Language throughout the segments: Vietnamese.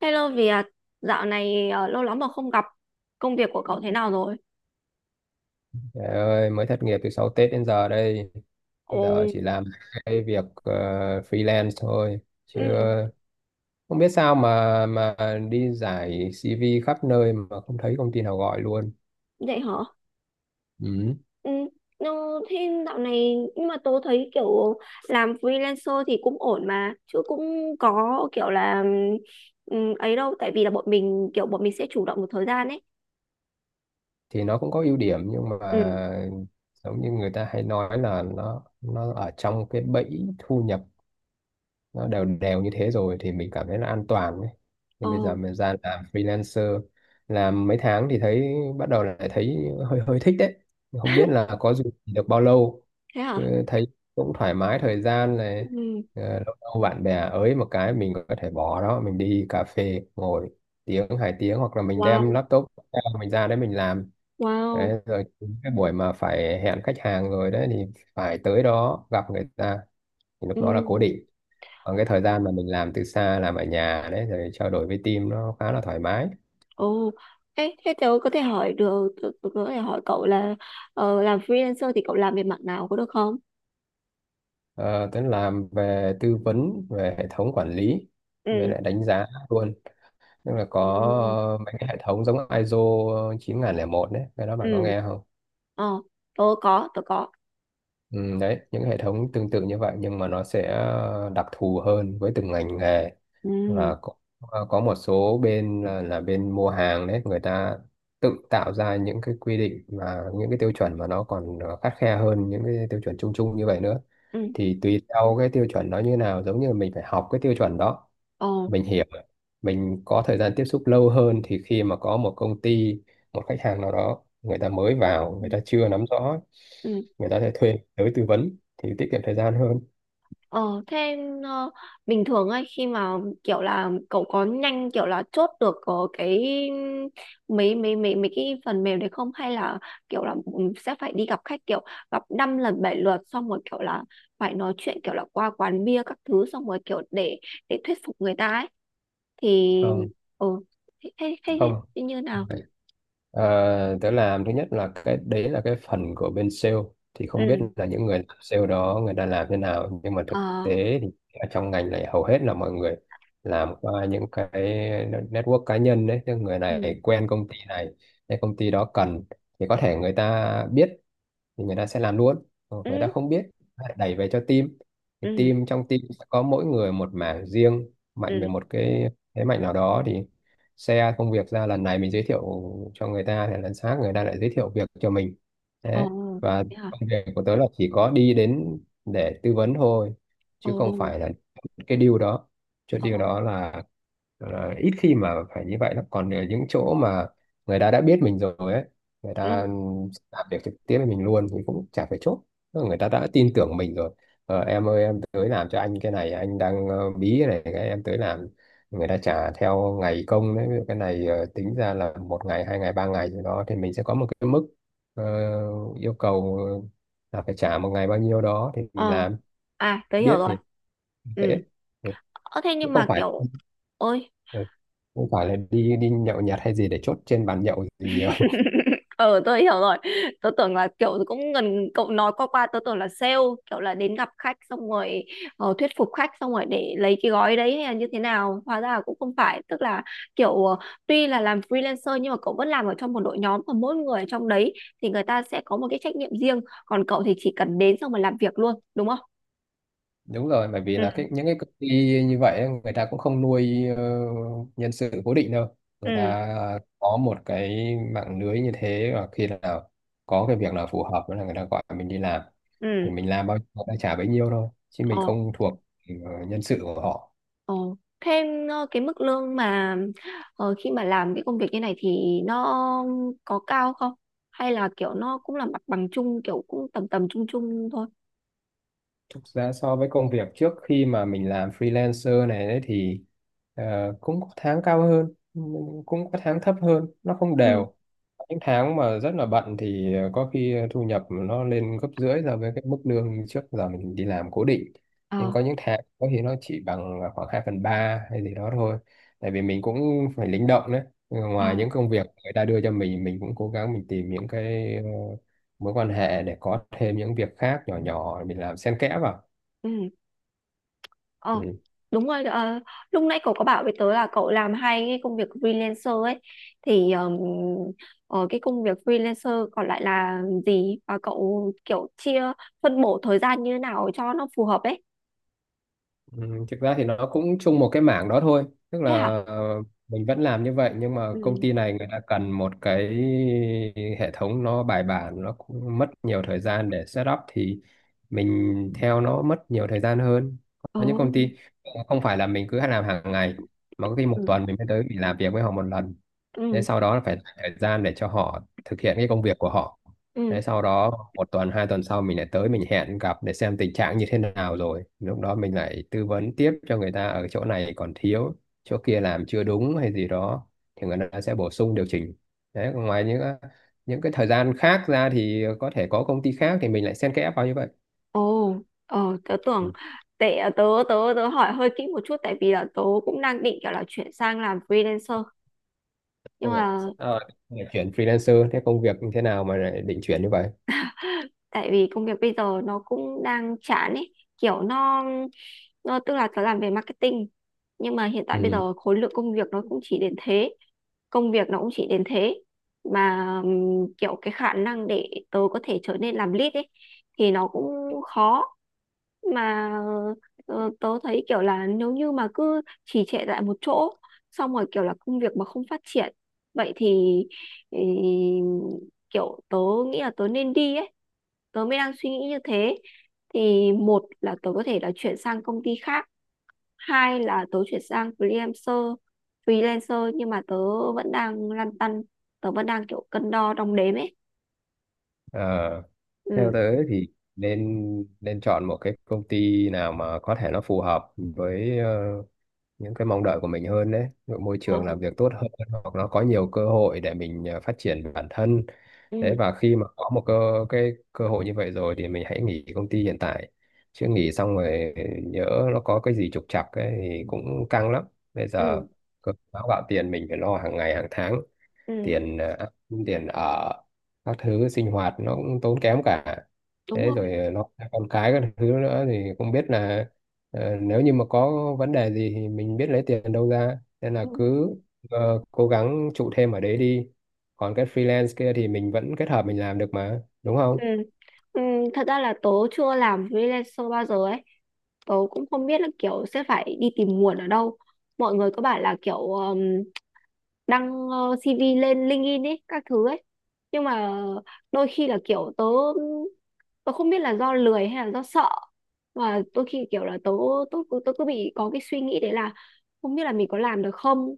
Hello Việt, dạo này lâu lắm mà không gặp. Công việc của cậu thế nào rồi? Trời ơi, mới thất nghiệp từ sau Tết đến giờ đây. Ồ. Giờ chỉ làm cái việc freelance thôi. Chứ Ừ, không biết sao mà đi giải CV khắp nơi mà không thấy công ty nào gọi luôn. vậy hả? Ừ. Ừ, no, thế dạo này nhưng mà tớ thấy kiểu làm freelancer thì cũng ổn mà, chứ cũng có kiểu là ấy đâu, tại vì là bọn mình kiểu bọn mình sẽ chủ động một thời gian ấy. Thì nó cũng có ưu điểm nhưng mà Ừ. giống như người ta hay nói là nó ở trong cái bẫy thu nhập nó đều đều như thế rồi thì mình cảm thấy là an toàn ấy. Nhưng bây giờ Ồ. mình ra làm freelancer làm mấy tháng thì thấy bắt đầu lại thấy hơi hơi thích đấy, không biết là có duy trì được bao lâu Thế hả? chứ thấy cũng thoải mái thời gian này. Ừ. Lâu lâu bạn bè ới một cái mình có thể bỏ đó mình đi cà phê ngồi tiếng hai tiếng, hoặc là mình đem Wow, laptop ra, mình ra đấy mình làm, wow. đấy, rồi những cái buổi mà phải hẹn khách hàng rồi đấy thì phải tới đó gặp người ta, thì lúc đó là Ừ. cố định. Còn cái thời gian mà mình làm từ xa làm ở nhà đấy rồi trao đổi với team nó khá là thoải mái. Ồ. thế thế tớ có thể hỏi được, tớ có thể hỏi cậu là làm freelancer thì cậu làm về mặt nào có được không? Ờ, Tuấn làm về tư vấn về hệ thống quản lý, về Ừ. lại đánh giá luôn, tức là có Ừ. Mấy cái hệ thống giống ISO một đấy, cái đó bạn có Ừ. nghe không? Ờ, tớ có tớ có. Ừ, đấy, những hệ thống tương tự như vậy nhưng mà nó sẽ đặc thù hơn với từng ngành nghề, Ừ. và có một số bên là bên mua hàng đấy, người ta tự tạo ra những cái quy định và những cái tiêu chuẩn mà nó còn khắt khe hơn những cái tiêu chuẩn chung chung như vậy nữa. Ừ. Thì tùy theo cái tiêu chuẩn nó như nào, giống như mình phải học cái tiêu chuẩn đó, Ờ. mình hiểu, mình có thời gian tiếp xúc lâu hơn thì khi mà có một công ty, một khách hàng nào đó người ta mới vào, người ta chưa nắm rõ, Ừ. người ta sẽ thuê tới tư vấn thì tiết kiệm thời gian hơn. Ờ. Thế ờ, bình thường ấy khi mà kiểu là cậu có nhanh kiểu là chốt được cái mấy mấy mấy mấy cái phần mềm đấy không hay là kiểu là sẽ phải đi gặp khách kiểu gặp năm lần bảy lượt xong rồi kiểu là phải nói chuyện kiểu là qua quán bia các thứ xong rồi kiểu để thuyết phục người ta ấy thì. Không. Ừ. thế thế thế Không. thế như nào? Ờ, tớ làm thứ nhất là cái đấy là cái phần của bên sale, thì không biết Ừ. là những người làm sale đó người ta làm thế nào, nhưng mà thực Ờ. tế thì ở trong ngành này hầu hết là mọi người làm qua những cái network cá nhân đấy, tức người Ừ. này quen công ty này, cái công ty đó cần thì có thể người ta biết thì người ta sẽ làm luôn. Còn người Ừ. ta không biết người ta đẩy về cho team, thì Ừ. team trong team sẽ có mỗi người một mảng riêng, mạnh về Ừ. một cái thế mạnh nào đó thì share công việc ra, lần này mình giới thiệu cho người ta thì lần khác người ta lại giới thiệu việc cho mình, Ồ, thế. Và thế hả? công việc của tớ là chỉ có đi đến để tư vấn thôi Ồ, chứ không phải là cái deal đó. Chốt deal ồ. đó là ít khi mà phải như vậy lắm, còn ở những chỗ mà người ta đã biết mình rồi ấy, người Ừ. ta làm việc trực tiếp với mình luôn thì cũng chả phải chốt. Tức là người ta đã tin tưởng mình rồi, em ơi em tới làm cho anh cái này, anh đang bí cái này cái em tới làm, người ta trả theo ngày công đấy. Ví dụ cái này tính ra là một ngày hai ngày ba ngày gì đó thì mình sẽ có một cái mức ờ, yêu cầu, là phải trả một ngày bao nhiêu đó thì mình Ờ. làm À, tớ hiểu biết rồi. thì dễ. Ừ. Ừ, Ơ thế chứ nhưng không mà phải kiểu ôi. ừ, là đi đi nhậu nhẹt hay gì để chốt trên bàn nhậu gì. Ừ, tôi hiểu rồi. Tôi tưởng là kiểu cũng gần cậu nói qua qua tôi tưởng là sale kiểu là đến gặp khách xong rồi thuyết phục khách xong rồi để lấy cái gói đấy hay là như thế nào hóa ra là cũng không phải tức là kiểu tuy là làm freelancer nhưng mà cậu vẫn làm ở trong một đội nhóm và mỗi người trong đấy thì người ta sẽ có một cái trách nhiệm riêng còn cậu thì chỉ cần đến xong rồi làm việc luôn đúng không? Đúng rồi, bởi vì Ừ. là cái những cái công ty như vậy ấy, người ta cũng không nuôi nhân sự cố định đâu, người Ừ. ta có một cái mạng lưới như thế và khi nào có cái việc nào phù hợp đó là người ta gọi mình đi làm, Ừ. thì mình làm bao nhiêu người ta trả bấy nhiêu thôi chứ mình Ờ. không thuộc nhân sự của họ. Ờ, thêm cái mức lương mà khi mà làm cái công việc như này thì nó có cao không? Hay là kiểu nó cũng là mặt bằng chung kiểu cũng tầm tầm chung chung thôi. Thực ra so với công việc trước khi mà mình làm freelancer này đấy thì cũng có tháng cao hơn, cũng có tháng thấp hơn, nó không Ừ. đều. Những tháng mà rất là bận thì có khi thu nhập nó lên gấp rưỡi so với cái mức lương trước giờ mình đi làm cố định. Nhưng Ờ. có những tháng có khi nó chỉ bằng khoảng 2 phần 3 hay gì đó thôi. Tại vì mình cũng phải linh động đấy. Ờ, Ngoài những công việc người ta đưa cho mình cũng cố gắng mình tìm những cái mối quan hệ để có thêm những việc khác nhỏ nhỏ mình làm xen kẽ vào. ừ. Ừ. Ờ, đúng rồi. Ờ, Lúc nãy cậu có bảo với tớ là cậu làm hai cái công việc freelancer ấy thì cái công việc freelancer còn lại là gì và cậu kiểu chia phân bổ thời gian như thế nào cho nó phù hợp ấy. Ừ, thực ra thì nó cũng chung một cái mảng đó thôi, tức Thế hả? là ờ, mình vẫn làm như vậy nhưng mà Ừ. công ty này người ta cần một cái hệ thống nó bài bản, nó cũng mất nhiều thời gian để set up thì mình theo nó mất nhiều thời gian hơn. Ờ. Có những công ty không phải là mình cứ làm hàng ngày mà có khi một Ừ. tuần mình mới tới mình làm việc với họ một lần, thế Ừ. sau đó là phải dành thời gian để cho họ thực hiện cái công việc của họ. Ừ. Thế sau đó một tuần hai tuần sau mình lại tới mình hẹn gặp để xem tình trạng như thế nào, rồi lúc đó mình lại tư vấn tiếp cho người ta ở chỗ này còn thiếu, chỗ kia làm chưa đúng hay gì đó thì người ta sẽ bổ sung điều chỉnh. Đấy, còn ngoài những cái thời gian khác ra thì có thể có công ty khác thì mình lại xen kẽ vào như vậy. Ồ. Ờ, tớ tưởng Ừ. tệ, tớ tớ tớ hỏi hơi kỹ một chút tại vì là tớ cũng đang định kiểu là chuyển sang làm freelancer nhưng Ôi dồi, mà sao lại chuyển freelancer thế, công việc như thế nào mà lại định chuyển như vậy? tại vì công việc bây giờ nó cũng đang chán ấy kiểu nó tức là tớ làm về marketing nhưng mà hiện tại bây Ừ. giờ khối lượng công việc nó cũng chỉ đến thế công việc nó cũng chỉ đến thế mà kiểu cái khả năng để tớ có thể trở nên làm lead ấy thì nó cũng khó mà tớ thấy kiểu là nếu như mà cứ trì trệ tại một chỗ xong rồi kiểu là công việc mà không phát triển vậy thì ý, kiểu tớ nghĩ là tớ nên đi ấy tớ mới đang suy nghĩ như thế thì một là tớ có thể là chuyển sang công ty khác hai là tớ chuyển sang freelancer freelancer nhưng mà tớ vẫn đang lăn tăn tớ vẫn đang kiểu cân đo đong đếm ấy. Ờ, theo Ừ. tớ thì nên nên chọn một cái công ty nào mà có thể nó phù hợp với những cái mong đợi của mình hơn đấy, ví dụ môi Ờ. trường làm việc tốt hơn, hoặc nó có nhiều cơ hội để mình phát triển bản thân. Đấy, Ừ. và khi mà có một cái cơ hội như vậy rồi thì mình hãy nghỉ công ty hiện tại. Chứ nghỉ xong rồi nhỡ nó có cái gì trục trặc ấy, thì cũng căng lắm. Bây Ừ. giờ cơm áo gạo tiền mình phải lo hàng ngày hàng tháng, Ừ. tiền ờ, tiền ở các thứ sinh hoạt nó cũng tốn kém cả, Đúng thế rồi. rồi nó con cái các thứ nữa, thì không biết là nếu như mà có vấn đề gì thì mình biết lấy tiền đâu ra, nên là Ừ. cứ cố gắng trụ thêm ở đấy đi, còn cái freelance kia thì mình vẫn kết hợp mình làm được mà đúng Ừ. không? Ừ, thật ra là tớ chưa làm freelancer bao giờ ấy tớ cũng không biết là kiểu sẽ phải đi tìm nguồn ở đâu mọi người có bảo là kiểu đăng CV lên LinkedIn ấy các thứ ấy nhưng mà đôi khi là kiểu tớ tớ không biết là do lười hay là do sợ mà đôi khi kiểu là tớ tớ cứ bị có cái suy nghĩ đấy là không biết là mình có làm được không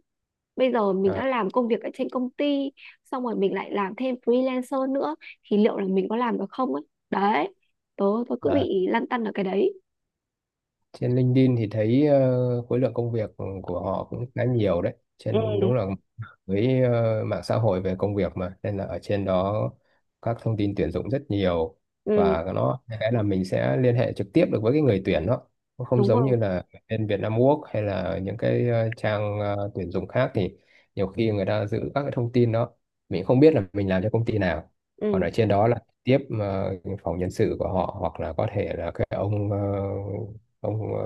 bây giờ mình À, đã làm công việc ở trên công ty xong rồi mình lại làm thêm freelancer nữa thì liệu là mình có làm được không ấy đấy tớ tớ cứ à. bị lăn tăn ở cái đấy. Trên LinkedIn thì thấy khối lượng công việc của họ cũng khá nhiều đấy, trên đúng Ừ. là với mạng xã hội về công việc mà, nên là ở trên đó các thông tin tuyển dụng rất nhiều, Ừ, và nó cái là mình sẽ liên hệ trực tiếp được với cái người tuyển đó. Nó không đúng giống như không? là bên Vietnam Work hay là những cái trang tuyển dụng khác, thì nhiều khi người ta giữ các cái thông tin đó, mình không biết là mình làm cho công ty nào. Còn Ừ. ở trên đó là tiếp phòng nhân sự của họ, hoặc là có thể là cái ông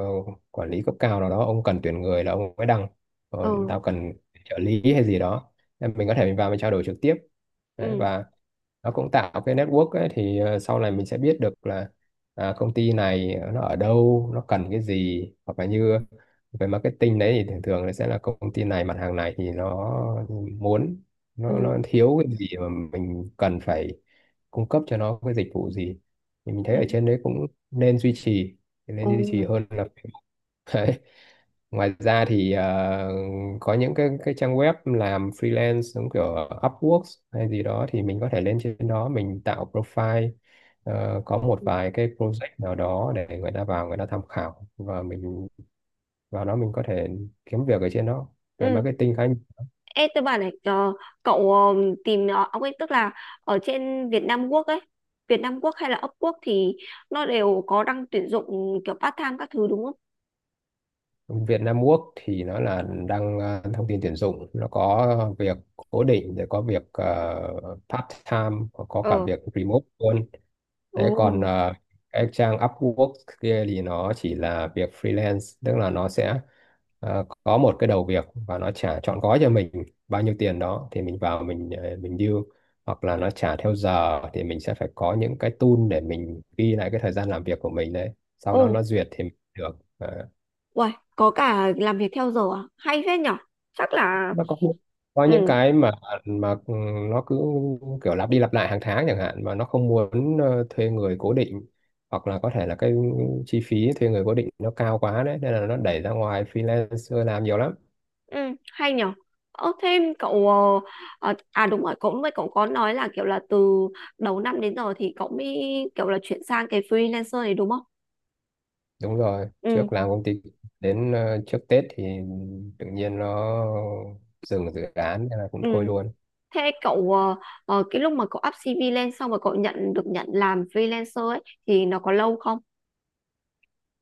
quản lý cấp cao nào đó ông cần tuyển người là ông mới đăng rồi, Ừ. tao cần trợ lý hay gì đó. Nên mình có thể mình vào mình trao đổi trực tiếp đấy, Ừ. và nó cũng tạo cái network ấy, thì sau này mình sẽ biết được là à, công ty này nó ở đâu nó cần cái gì, hoặc là như về marketing đấy thì thường thường nó sẽ là công ty này mặt hàng này thì nó muốn, nó, Ừ. nó thiếu cái gì mà mình cần phải cung cấp cho nó cái dịch vụ gì, thì mình thấy Ừ. ở trên đấy cũng nên duy trì nên Ừ. duy trì hơn là. Đấy. Ngoài ra thì có những cái trang web làm freelance giống kiểu Upwork hay gì đó, thì mình có thể lên trên đó mình tạo profile, có một vài cái project nào đó để người ta vào người ta tham khảo, và mình vào đó mình có thể kiếm việc ở trên đó về Ừ. marketing khá nhiều. Ê, tôi bảo này cậu tìm ông ấy tức là ở trên Việt Nam Quốc ấy, Việt Nam Quốc hay là Upwork Quốc thì nó đều có đăng tuyển dụng kiểu part time các thứ đúng không? Việt Nam Work thì nó là đăng thông tin tuyển dụng, nó có việc cố định rồi có việc part time, có cả Ờ. việc remote luôn. Ồ. Thế còn cái trang Upwork kia thì nó chỉ là việc freelance, tức là nó sẽ có một cái đầu việc và nó trả trọn gói cho mình bao nhiêu tiền đó thì mình vào mình deal, hoặc là nó trả theo giờ thì mình sẽ phải có những cái tool để mình ghi lại cái thời gian làm việc của mình đấy. Sau Ồ. đó nó duyệt thì mình được. Ờ, Uầy, có cả làm việc theo giờ à? Hay phết nhở. Chắc là. nó có những Ừ. cái mà nó cứ kiểu lặp đi lặp lại hàng tháng chẳng hạn, mà nó không muốn thuê người cố định, hoặc là có thể là cái chi phí thuê người cố định nó cao quá đấy nên là nó đẩy ra ngoài freelancer làm nhiều lắm. Ừ, hay nhở. Ơ thêm cậu à đúng rồi, cậu có nói là kiểu là từ đầu năm đến giờ thì cậu mới kiểu là chuyển sang cái freelancer này đúng không? Đúng rồi, Ừ, trước làm công ty đến trước Tết thì tự nhiên nó dừng dự án nên là cũng ừ. thôi luôn. Thế cậu cái lúc mà cậu up CV lên xong rồi cậu nhận làm freelancer ấy thì nó có lâu không?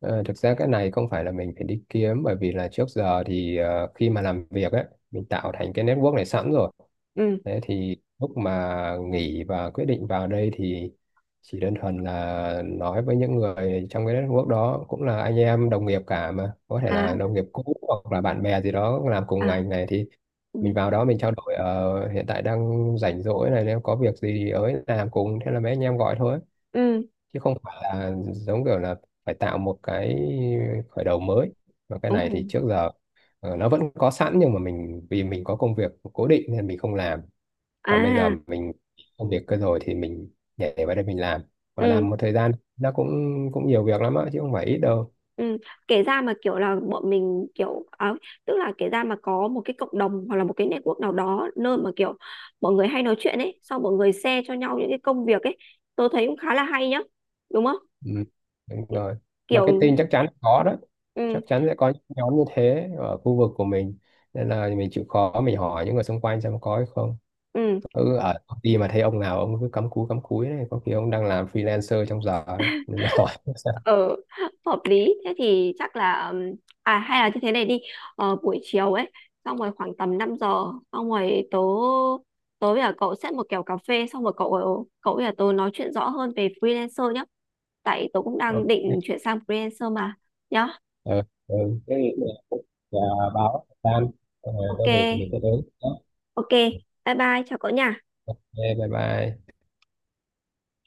Ờ, thực ra cái này không phải là mình phải đi kiếm, bởi vì là trước giờ thì khi mà làm việc ấy mình tạo thành cái network này sẵn rồi. Ừ. Thế thì lúc mà nghỉ và quyết định vào đây thì chỉ đơn thuần là nói với những người trong cái network đó, cũng là anh em đồng nghiệp cả mà, có thể À. là đồng nghiệp cũ hoặc là bạn bè gì đó làm cùng À. ngành này, thì Ừ. mình vào đó mình trao đổi hiện tại đang rảnh rỗi này, nếu có việc gì ấy làm cùng, thế là mấy anh em gọi thôi, Ừ. chứ không phải là giống kiểu là phải tạo một cái khởi đầu mới, mà cái Ồ. này thì trước giờ nó vẫn có sẵn, nhưng mà mình vì mình có công việc cố định nên mình không làm, và bây giờ À. mình công việc cơ rồi thì mình nhảy vào đây mình làm, và Ừ. làm một thời gian nó cũng cũng nhiều việc lắm á chứ không phải ít đâu. Ừ. Kể ra mà kiểu là bọn mình kiểu à, tức là kể ra mà có một cái cộng đồng hoặc là một cái network nào đó nơi mà kiểu mọi người hay nói chuyện ấy xong mọi người share cho nhau những cái công việc ấy tôi thấy cũng khá là hay nhá đúng không Ừ. Đúng rồi, kiểu. marketing chắc chắn có đó, Ừ. chắc chắn sẽ có những nhóm như thế ở khu vực của mình, nên là mình chịu khó mình hỏi những người xung quanh xem có hay không. Ừ. Ở công ty mà thấy ông nào ông cứ cắm cúi này có khi ông đang làm freelancer trong giờ đó, nên là hỏi xem. Ờ. Hợp lý thế thì chắc là à hay là như thế này đi buổi chiều ấy xong rồi khoảng tầm 5 giờ xong rồi tớ tớ với cả cậu set một kèo cà phê xong rồi cậu cậu với cả tớ nói chuyện rõ hơn về freelancer nhá tại tôi cũng đang Ok, định chuyển sang freelancer mà nhá. ừ, ừ. Thế thì, và báo tan rồi có việc mình Ok, sẽ đến. ok. Bye bye, chào cậu nha. Ok, bye bye.